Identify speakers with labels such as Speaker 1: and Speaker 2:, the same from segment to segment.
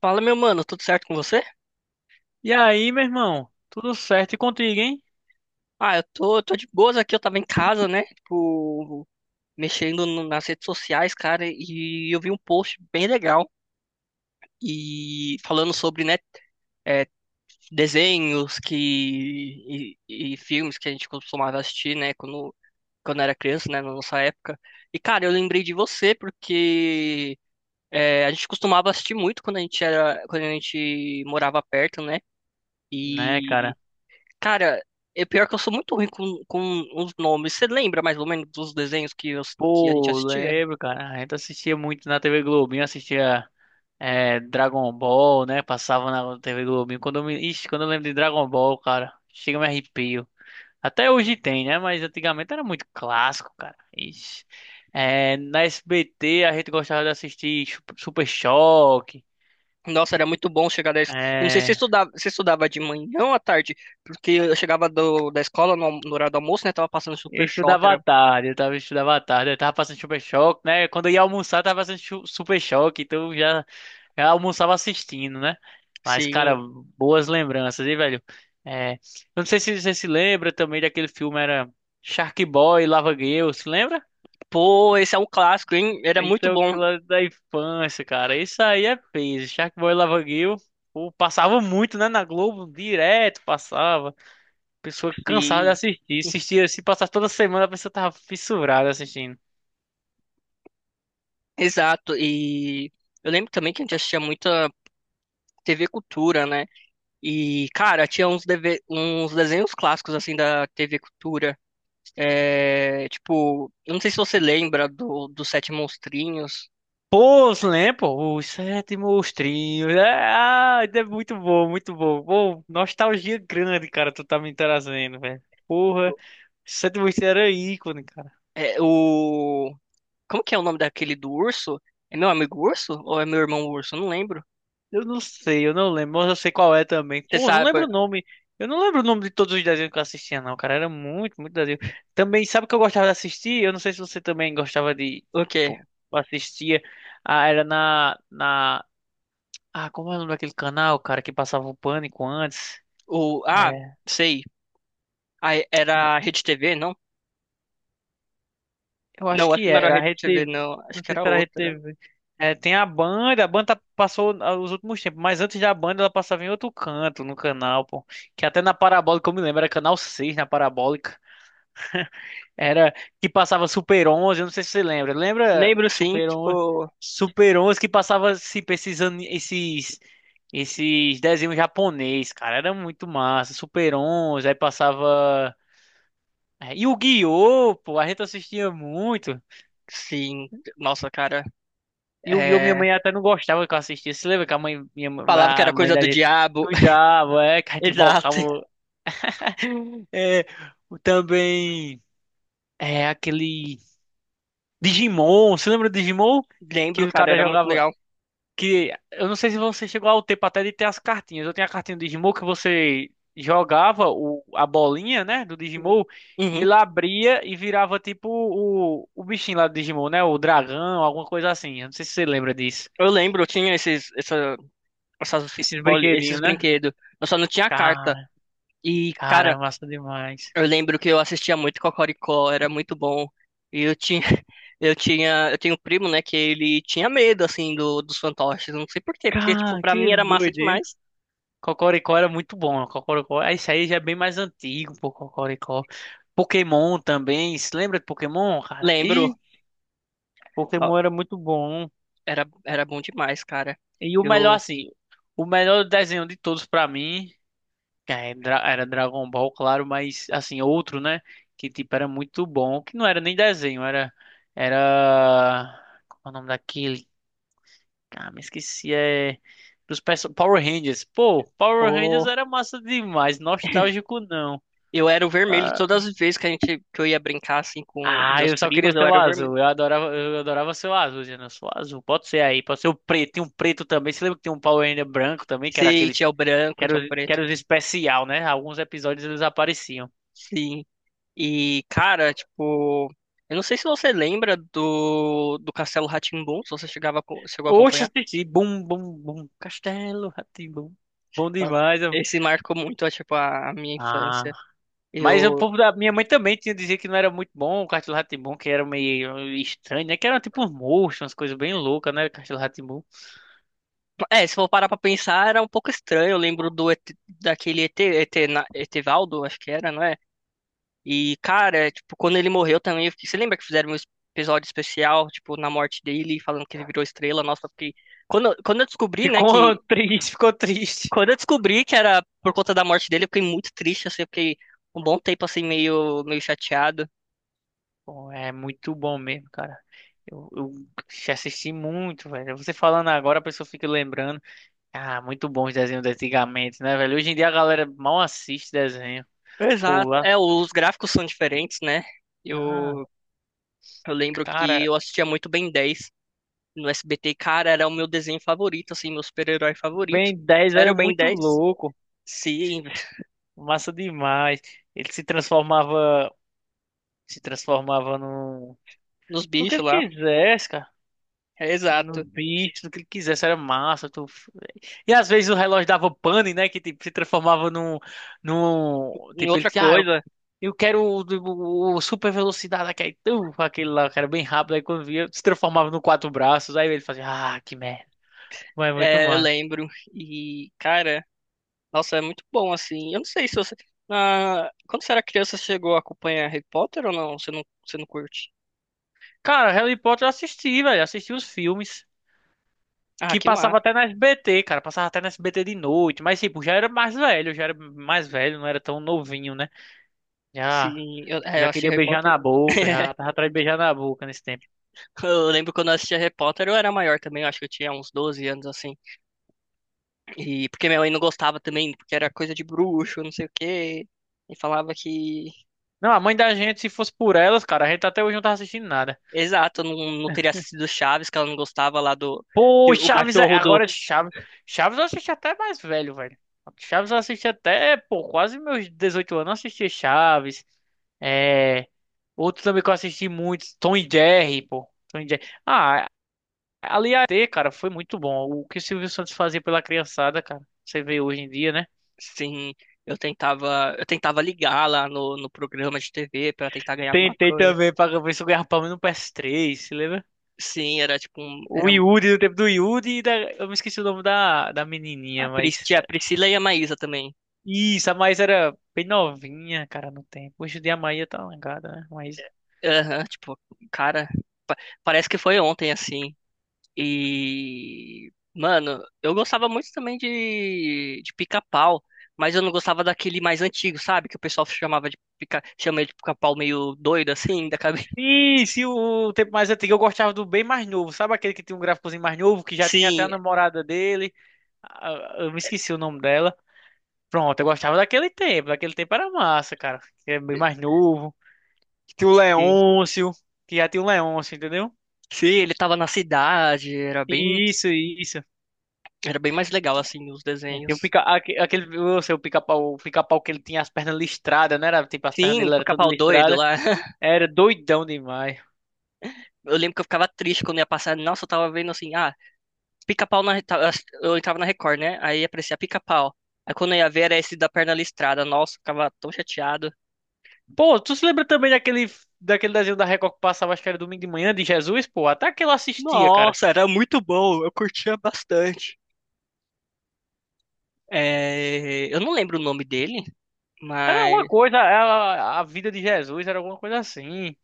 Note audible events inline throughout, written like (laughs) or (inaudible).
Speaker 1: Fala, meu mano, tudo certo com você?
Speaker 2: E aí, meu irmão? Tudo certo e contigo, hein?
Speaker 1: Ah, eu tô de boas aqui, eu tava em casa, né? Tipo, mexendo nas redes sociais, cara, e eu vi um post bem legal e falando sobre, né, é, desenhos e filmes que a gente costumava assistir, né, quando era criança, né, na nossa época. E, cara, eu lembrei de você porque a gente costumava assistir muito quando a gente morava perto, né?
Speaker 2: Né, cara?
Speaker 1: Cara, é pior que eu sou muito ruim com os nomes. Você lembra mais ou menos dos desenhos que a gente
Speaker 2: Pô,
Speaker 1: assistia?
Speaker 2: lembro, cara. A gente assistia muito na TV Globinho, assistia Dragon Ball, né? Passava na TV Globinho. Ixi, quando eu lembro de Dragon Ball, cara, chega me arrepio. Até hoje tem, né? Mas antigamente era muito clássico, cara. Ixi. É, na SBT a gente gostava de assistir Super Choque.
Speaker 1: Nossa, era muito bom chegar. Eu não sei se
Speaker 2: É,
Speaker 1: você estudava de manhã ou à tarde, porque eu chegava da escola no horário do almoço, né? Tava passando
Speaker 2: eu
Speaker 1: Super Choque,
Speaker 2: estudava à
Speaker 1: era...
Speaker 2: tarde, eu tava passando Super Choque, né? Quando eu ia almoçar, eu tava passando Super Choque, então eu já almoçava assistindo, né? Mas, cara,
Speaker 1: Sim,
Speaker 2: boas lembranças, hein, velho? É, eu não sei se você se lembra também daquele filme, era Shark Boy, Lava Girl, se lembra?
Speaker 1: pô, esse é um clássico, hein? Era
Speaker 2: Isso
Speaker 1: muito
Speaker 2: é o
Speaker 1: bom.
Speaker 2: que lá da infância, cara. Isso aí é peso. Shark Boy e Lava Girl, pô, passava muito, né, na Globo, direto passava. Pessoa cansada de
Speaker 1: Sim,
Speaker 2: assistir. Assistia, se passar toda semana, a pessoa tava fissurada assistindo.
Speaker 1: exato. E eu lembro também que a gente assistia muita TV Cultura, né? E, cara, tinha uns desenhos clássicos, assim, da TV Cultura. É, tipo, eu não sei se você lembra dos Sete Monstrinhos.
Speaker 2: Pô, os Lempo, os sétimos trios. Ah, é muito bom, muito bom. Pô, nostalgia grande, cara, tu tá me trazendo, velho. Porra, sete trios era ícone, cara.
Speaker 1: É, o... Como que é o nome daquele do urso? É meu amigo urso? Ou é meu irmão urso? Eu não lembro.
Speaker 2: Eu não sei, eu não lembro, mas eu sei qual é também.
Speaker 1: Você
Speaker 2: Pô, não lembro
Speaker 1: sabe
Speaker 2: o nome. Eu não lembro o nome de todos os desenhos que eu assistia, não, cara. Era muito, muito desenho. Também, sabe o que eu gostava de assistir? Eu não sei se você também gostava de,
Speaker 1: o quê?
Speaker 2: tipo, assistia. Ah, era na, na Ah, como é o nome daquele canal, cara, que passava o Pânico antes?
Speaker 1: Ah,
Speaker 2: É,
Speaker 1: sei. Ah,
Speaker 2: n-
Speaker 1: era a Rede TV, não?
Speaker 2: eu acho
Speaker 1: Não, acho
Speaker 2: que
Speaker 1: que não era a
Speaker 2: era a
Speaker 1: Rede TV,
Speaker 2: RedeTV.
Speaker 1: não. Acho
Speaker 2: Não
Speaker 1: que
Speaker 2: sei
Speaker 1: era
Speaker 2: se era a
Speaker 1: outra.
Speaker 2: RedeTV. É, tem a Band, passou, os últimos tempos, mas antes da Band ela passava em outro canto no canal, pô. Que até na Parabólica eu me lembro, era canal 6 na Parabólica. Era que passava Super 11, eu não sei se você lembra. Lembra
Speaker 1: Lembro, sim,
Speaker 2: Super 11?
Speaker 1: tipo.
Speaker 2: Super 11 que passava se esses, ani- esses, esses desenhos japonês, cara. Era muito massa. Super 11, aí passava. E o Guiô, pô, a gente assistia muito.
Speaker 1: Sim, nossa, cara,
Speaker 2: E o Guiô, minha
Speaker 1: é...
Speaker 2: mãe até não gostava que eu assistia. Você lembra que
Speaker 1: Falava que era
Speaker 2: a mãe
Speaker 1: coisa
Speaker 2: da
Speaker 1: do
Speaker 2: gente
Speaker 1: diabo.
Speaker 2: cuidava,
Speaker 1: (laughs)
Speaker 2: que a gente
Speaker 1: Exato.
Speaker 2: invocava. É, também, aquele Digimon. Você lembra do Digimon? Que
Speaker 1: Lembro,
Speaker 2: o
Speaker 1: cara,
Speaker 2: cara
Speaker 1: era muito
Speaker 2: jogava,
Speaker 1: legal.
Speaker 2: que eu não sei se você chegou ao tempo até de ter as cartinhas. Eu tenho a cartinha do Digimon que você jogava a bolinha, né, do Digimon, e
Speaker 1: Uhum.
Speaker 2: ele abria e virava tipo o bichinho lá do Digimon, né, o dragão, alguma coisa assim. Eu não sei se você lembra disso.
Speaker 1: Eu lembro, eu tinha esses, essa, essas
Speaker 2: Esses
Speaker 1: boli- esses
Speaker 2: brinquedinhos, né?
Speaker 1: brinquedos. Eu só não tinha a carta.
Speaker 2: Cara,
Speaker 1: E,
Speaker 2: cara, é
Speaker 1: cara,
Speaker 2: massa demais.
Speaker 1: eu lembro que eu assistia muito Cocoricó, era muito bom. E eu tinha, (laughs) eu tenho um primo, né, que ele tinha medo, assim, dos fantoches. Não sei por quê, porque, tipo,
Speaker 2: Cara,
Speaker 1: pra
Speaker 2: que
Speaker 1: mim era massa
Speaker 2: doideira.
Speaker 1: demais.
Speaker 2: Cocoricó era muito bom, né? Cocoricó, ah, isso aí já é bem mais antigo, pô, Cocoricó. Pokémon também. Se lembra de Pokémon, cara?
Speaker 1: Lembro,
Speaker 2: Ih,
Speaker 1: no-
Speaker 2: Pokémon era muito bom.
Speaker 1: era bom demais, cara.
Speaker 2: E o melhor,
Speaker 1: Eu,
Speaker 2: assim, o melhor desenho de todos pra mim era Dragon Ball, claro, mas, assim, outro, né? Que, tipo, era muito bom. Que não era nem desenho, era. Era. Qual é o nome daquele? Ah, me esqueci. É. Power Rangers. Pô, Power Rangers era massa demais. Nostálgico, não.
Speaker 1: Eu era o vermelho todas as vezes que a gente que eu ia brincar assim com
Speaker 2: Ah,
Speaker 1: meus
Speaker 2: eu só queria
Speaker 1: primos,
Speaker 2: ser
Speaker 1: eu
Speaker 2: o
Speaker 1: era o vermelho.
Speaker 2: azul. Eu adorava ser o azul, dizendo, eu sou o azul. Pode ser aí, pode ser o preto. Tem um preto também. Você lembra que tem um Power Ranger branco também, que era
Speaker 1: Sim,
Speaker 2: aqueles.
Speaker 1: tinha o branco,
Speaker 2: Que era
Speaker 1: tinha o
Speaker 2: os, que
Speaker 1: preto.
Speaker 2: era os especial, né? Alguns episódios eles apareciam.
Speaker 1: Sim. E cara, tipo, eu não sei se você lembra do Castelo Rá Tim, se você chegou a
Speaker 2: Oxe,
Speaker 1: acompanhar.
Speaker 2: assisti. Bum, bum, bum. Castelo Rá-Tim-Bum. Bom
Speaker 1: Tá.
Speaker 2: demais.
Speaker 1: Esse marcou muito, tipo, a minha
Speaker 2: Ah.
Speaker 1: infância.
Speaker 2: Mas o
Speaker 1: Eu
Speaker 2: povo da minha mãe também tinha dizer que não era muito bom o Castelo Rá, que era meio estranho, né? Que era tipo uns monstros, umas coisas bem loucas, né? Castelo Rá.
Speaker 1: É, se for parar pra pensar, era um pouco estranho. Eu lembro do ET, daquele Etevaldo, acho que era, não era? E, cara, tipo, quando ele morreu também. Você lembra que fizeram um episódio especial, tipo, na morte dele, falando que ele virou estrela? Nossa, eu fiquei. Quando eu descobri, né,
Speaker 2: Ficou
Speaker 1: que.
Speaker 2: (laughs) triste, ficou triste.
Speaker 1: Quando eu descobri que era por conta da morte dele, eu fiquei muito triste, assim, eu fiquei um bom tempo, assim, meio chateado.
Speaker 2: Pô, é muito bom mesmo, cara. Eu já assisti muito, velho. Você falando agora, a pessoa fica lembrando. Ah, muito bom os desenhos de antigamente, né, velho? Hoje em dia a galera mal assiste desenho. Pô,
Speaker 1: Exato.
Speaker 2: lá.
Speaker 1: É, os gráficos são diferentes, né?
Speaker 2: Ah,
Speaker 1: Eu, eu lembro que
Speaker 2: cara,
Speaker 1: eu assistia muito Ben 10 no SBT, cara, era o meu desenho favorito, assim, meu super-herói favorito.
Speaker 2: Ben 10
Speaker 1: Era
Speaker 2: era
Speaker 1: o Ben
Speaker 2: muito
Speaker 1: dez
Speaker 2: louco.
Speaker 1: Sim, (laughs)
Speaker 2: Massa demais. Ele se transformava no,
Speaker 1: nos
Speaker 2: no que
Speaker 1: bichos
Speaker 2: ele
Speaker 1: lá.
Speaker 2: quisesse, cara.
Speaker 1: É,
Speaker 2: Nos
Speaker 1: exato.
Speaker 2: bichos, no que ele quisesse, era massa. E às vezes o relógio dava pane, né? Que tipo, se transformava num.
Speaker 1: Em
Speaker 2: Tipo, ele.
Speaker 1: outra
Speaker 2: Ah,
Speaker 1: coisa,
Speaker 2: eu quero o super velocidade, aquele, aquele lá, eu quero bem rápido. Aí quando via, se transformava no quatro braços. Aí ele fazia, ah, que merda. Mas é muito
Speaker 1: eu
Speaker 2: massa.
Speaker 1: lembro. E, cara, nossa, é muito bom, assim. Eu não sei se você. Quando você era criança, você chegou a acompanhar Harry Potter ou não? Você não curte?
Speaker 2: Cara, Harry Potter eu assisti, velho. Assisti os filmes.
Speaker 1: Ah,
Speaker 2: Que
Speaker 1: que
Speaker 2: passava
Speaker 1: massa.
Speaker 2: até na SBT, cara. Passava até na SBT de noite. Mas, tipo, já era mais velho. Já era mais velho, não era tão novinho, né? Já,
Speaker 1: Sim, eu
Speaker 2: já
Speaker 1: assisti
Speaker 2: queria
Speaker 1: Harry
Speaker 2: beijar
Speaker 1: Potter.
Speaker 2: na boca. Já
Speaker 1: (laughs)
Speaker 2: tava atrás de beijar na boca nesse tempo.
Speaker 1: Eu lembro quando eu assistia Harry Potter, eu era maior também, eu acho que eu tinha uns 12 anos assim. E porque minha mãe não gostava também, porque era coisa de bruxo, não sei o quê. E falava que.
Speaker 2: Não, a mãe da gente, se fosse por elas, cara, a gente até hoje não tava assistindo nada.
Speaker 1: Exato, não teria sido Chaves, que ela não gostava lá do. Que
Speaker 2: Pô,
Speaker 1: o
Speaker 2: Chaves,
Speaker 1: cachorro do.
Speaker 2: agora Chaves. Chaves eu assisti até mais velho, velho. Chaves eu assisti até, pô, quase meus 18 anos eu assisti Chaves. É. Outro também que eu assisti muito, Tom e Jerry, pô. Tom e Jerry. Ah, ali a T, cara, foi muito bom. O que o Silvio Santos fazia pela criançada, cara. Você vê hoje em dia, né?
Speaker 1: Sim, eu tentava ligar lá no programa de TV pra tentar ganhar alguma
Speaker 2: Tentei
Speaker 1: coisa.
Speaker 2: também pra ver se eu ganhava pelo menos no PS3, se lembra?
Speaker 1: Sim, era tipo um,
Speaker 2: O
Speaker 1: era um,
Speaker 2: Yuri, do tempo do Yuri e da... Eu me esqueci o nome da menininha, mas...
Speaker 1: Tinha a Priscila e a Maísa também.
Speaker 2: Isso, a Maísa era bem novinha, cara, no tempo. Hoje em dia a Maísa tá langada, né? Maísa.
Speaker 1: Aham, tipo, cara, pa- parece que foi ontem assim. E mano, eu gostava muito também de pica-pau, mas eu não gostava daquele mais antigo, sabe? Que o pessoal chama ele de pica-pau meio doido assim, da cabeça. (laughs)
Speaker 2: Isso, e o tempo mais antigo eu gostava do bem mais novo. Sabe aquele que tinha um gráficozinho mais novo, que já tinha até a
Speaker 1: Sim,
Speaker 2: namorada dele? Ah, eu me esqueci o nome dela. Pronto, eu gostava daquele tempo. Daquele tempo era massa, cara. Que era bem mais novo. Que tinha o
Speaker 1: sim.
Speaker 2: Leôncio, que já tinha o Leôncio, entendeu?
Speaker 1: Sim, ele tava na cidade, era bem.
Speaker 2: Isso, isso.
Speaker 1: Era bem mais legal, assim, os
Speaker 2: É,
Speaker 1: desenhos.
Speaker 2: tem aquele, eu sei, o pica-pau que ele tinha as pernas listradas, né? Era, tipo, as pernas
Speaker 1: Sim,
Speaker 2: dele eram todas
Speaker 1: Pica-Pau doido
Speaker 2: listradas.
Speaker 1: lá. (laughs)
Speaker 2: Era doidão demais.
Speaker 1: Eu lembro que eu ficava triste quando ia passar. Nossa, eu tava vendo assim, ah, Pica-Pau. Eu entrava na Record, né? Aí aparecia Pica-Pau. Aí quando eu ia ver era esse da perna listrada. Nossa, eu ficava tão chateado.
Speaker 2: Pô, tu se lembra também daquele desenho da Record que passava, acho que era domingo de manhã, de Jesus? Pô, até que eu assistia, cara.
Speaker 1: Nossa, era muito bom. Eu curtia bastante. É, eu não lembro o nome dele,
Speaker 2: Era alguma
Speaker 1: mas.
Speaker 2: coisa, a vida de Jesus era alguma coisa assim.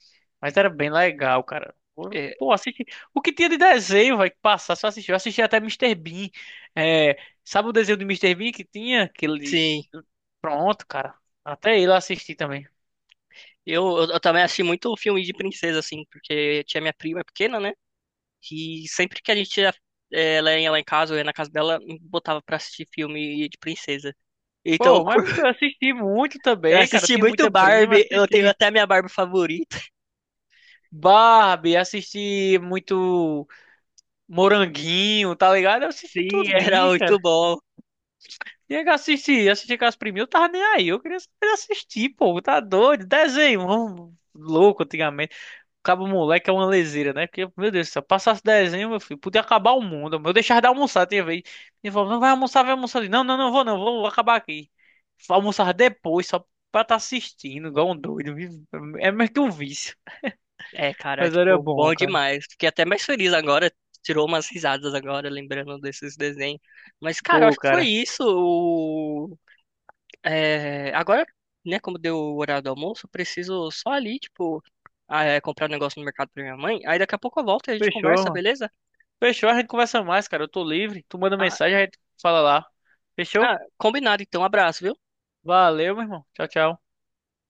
Speaker 2: Mas era bem legal, cara. Pô,
Speaker 1: é,
Speaker 2: pô, assisti. O que tinha de desenho, vai, que passar, só assistiu. Eu assisti até Mister Bean. É, sabe o desenho do Mister Bean que tinha? Que ele...
Speaker 1: Sim.
Speaker 2: Pronto, cara. Até ele eu assisti também.
Speaker 1: Eu também assisti muito filme de princesa, assim, porque tinha minha prima pequena, né? Que sempre que a gente ia, ela ia lá em casa, ou ia na casa dela, me botava pra assistir filme de princesa. Então, eu
Speaker 2: Pô, mas
Speaker 1: cur-
Speaker 2: eu
Speaker 1: (laughs)
Speaker 2: assisti muito
Speaker 1: Eu
Speaker 2: também, cara. Eu
Speaker 1: assisti
Speaker 2: tinha
Speaker 1: muito
Speaker 2: muita prima,
Speaker 1: Barbie, eu tenho
Speaker 2: assisti
Speaker 1: até a minha Barbie favorita. (laughs)
Speaker 2: Barbie, assisti muito. Moranguinho, tá ligado? Eu assisti
Speaker 1: Sim, era
Speaker 2: tudinho, cara.
Speaker 1: muito bom.
Speaker 2: Tinha que assistir com as priminhas, eu tava nem aí. Eu queria saber assistir, pô, tá doido. Desenho, louco antigamente. Cabo moleque é uma leseira, né? Porque, meu Deus, se eu passasse desenho, meu filho, podia acabar o mundo. Eu deixava de almoçar, tinha vez. Ele falou, não vai almoçar, vai almoçar ali. Não, não, não vou, não, vou acabar aqui. Almoçar depois, só pra tá assistindo, igual um doido. É meio que um vício.
Speaker 1: É, cara,
Speaker 2: Mas era
Speaker 1: tipo,
Speaker 2: bom,
Speaker 1: bom
Speaker 2: cara.
Speaker 1: demais. Fiquei até mais feliz agora, tirou umas risadas agora, lembrando desses desenhos. Mas, cara, eu
Speaker 2: Pô,
Speaker 1: acho que foi
Speaker 2: cara,
Speaker 1: isso. Agora, né, como deu o horário do almoço, eu preciso só ali, tipo, ah, comprar um negócio no mercado pra minha mãe. Aí daqui a pouco eu volto e a gente
Speaker 2: fechou,
Speaker 1: conversa,
Speaker 2: mano.
Speaker 1: beleza?
Speaker 2: Fechou, a gente conversa mais, cara. Eu tô livre. Tu manda
Speaker 1: Ah,
Speaker 2: mensagem, a gente fala lá. Fechou?
Speaker 1: Ah, combinado, então. Abraço, viu?
Speaker 2: Valeu, meu irmão. Tchau, tchau.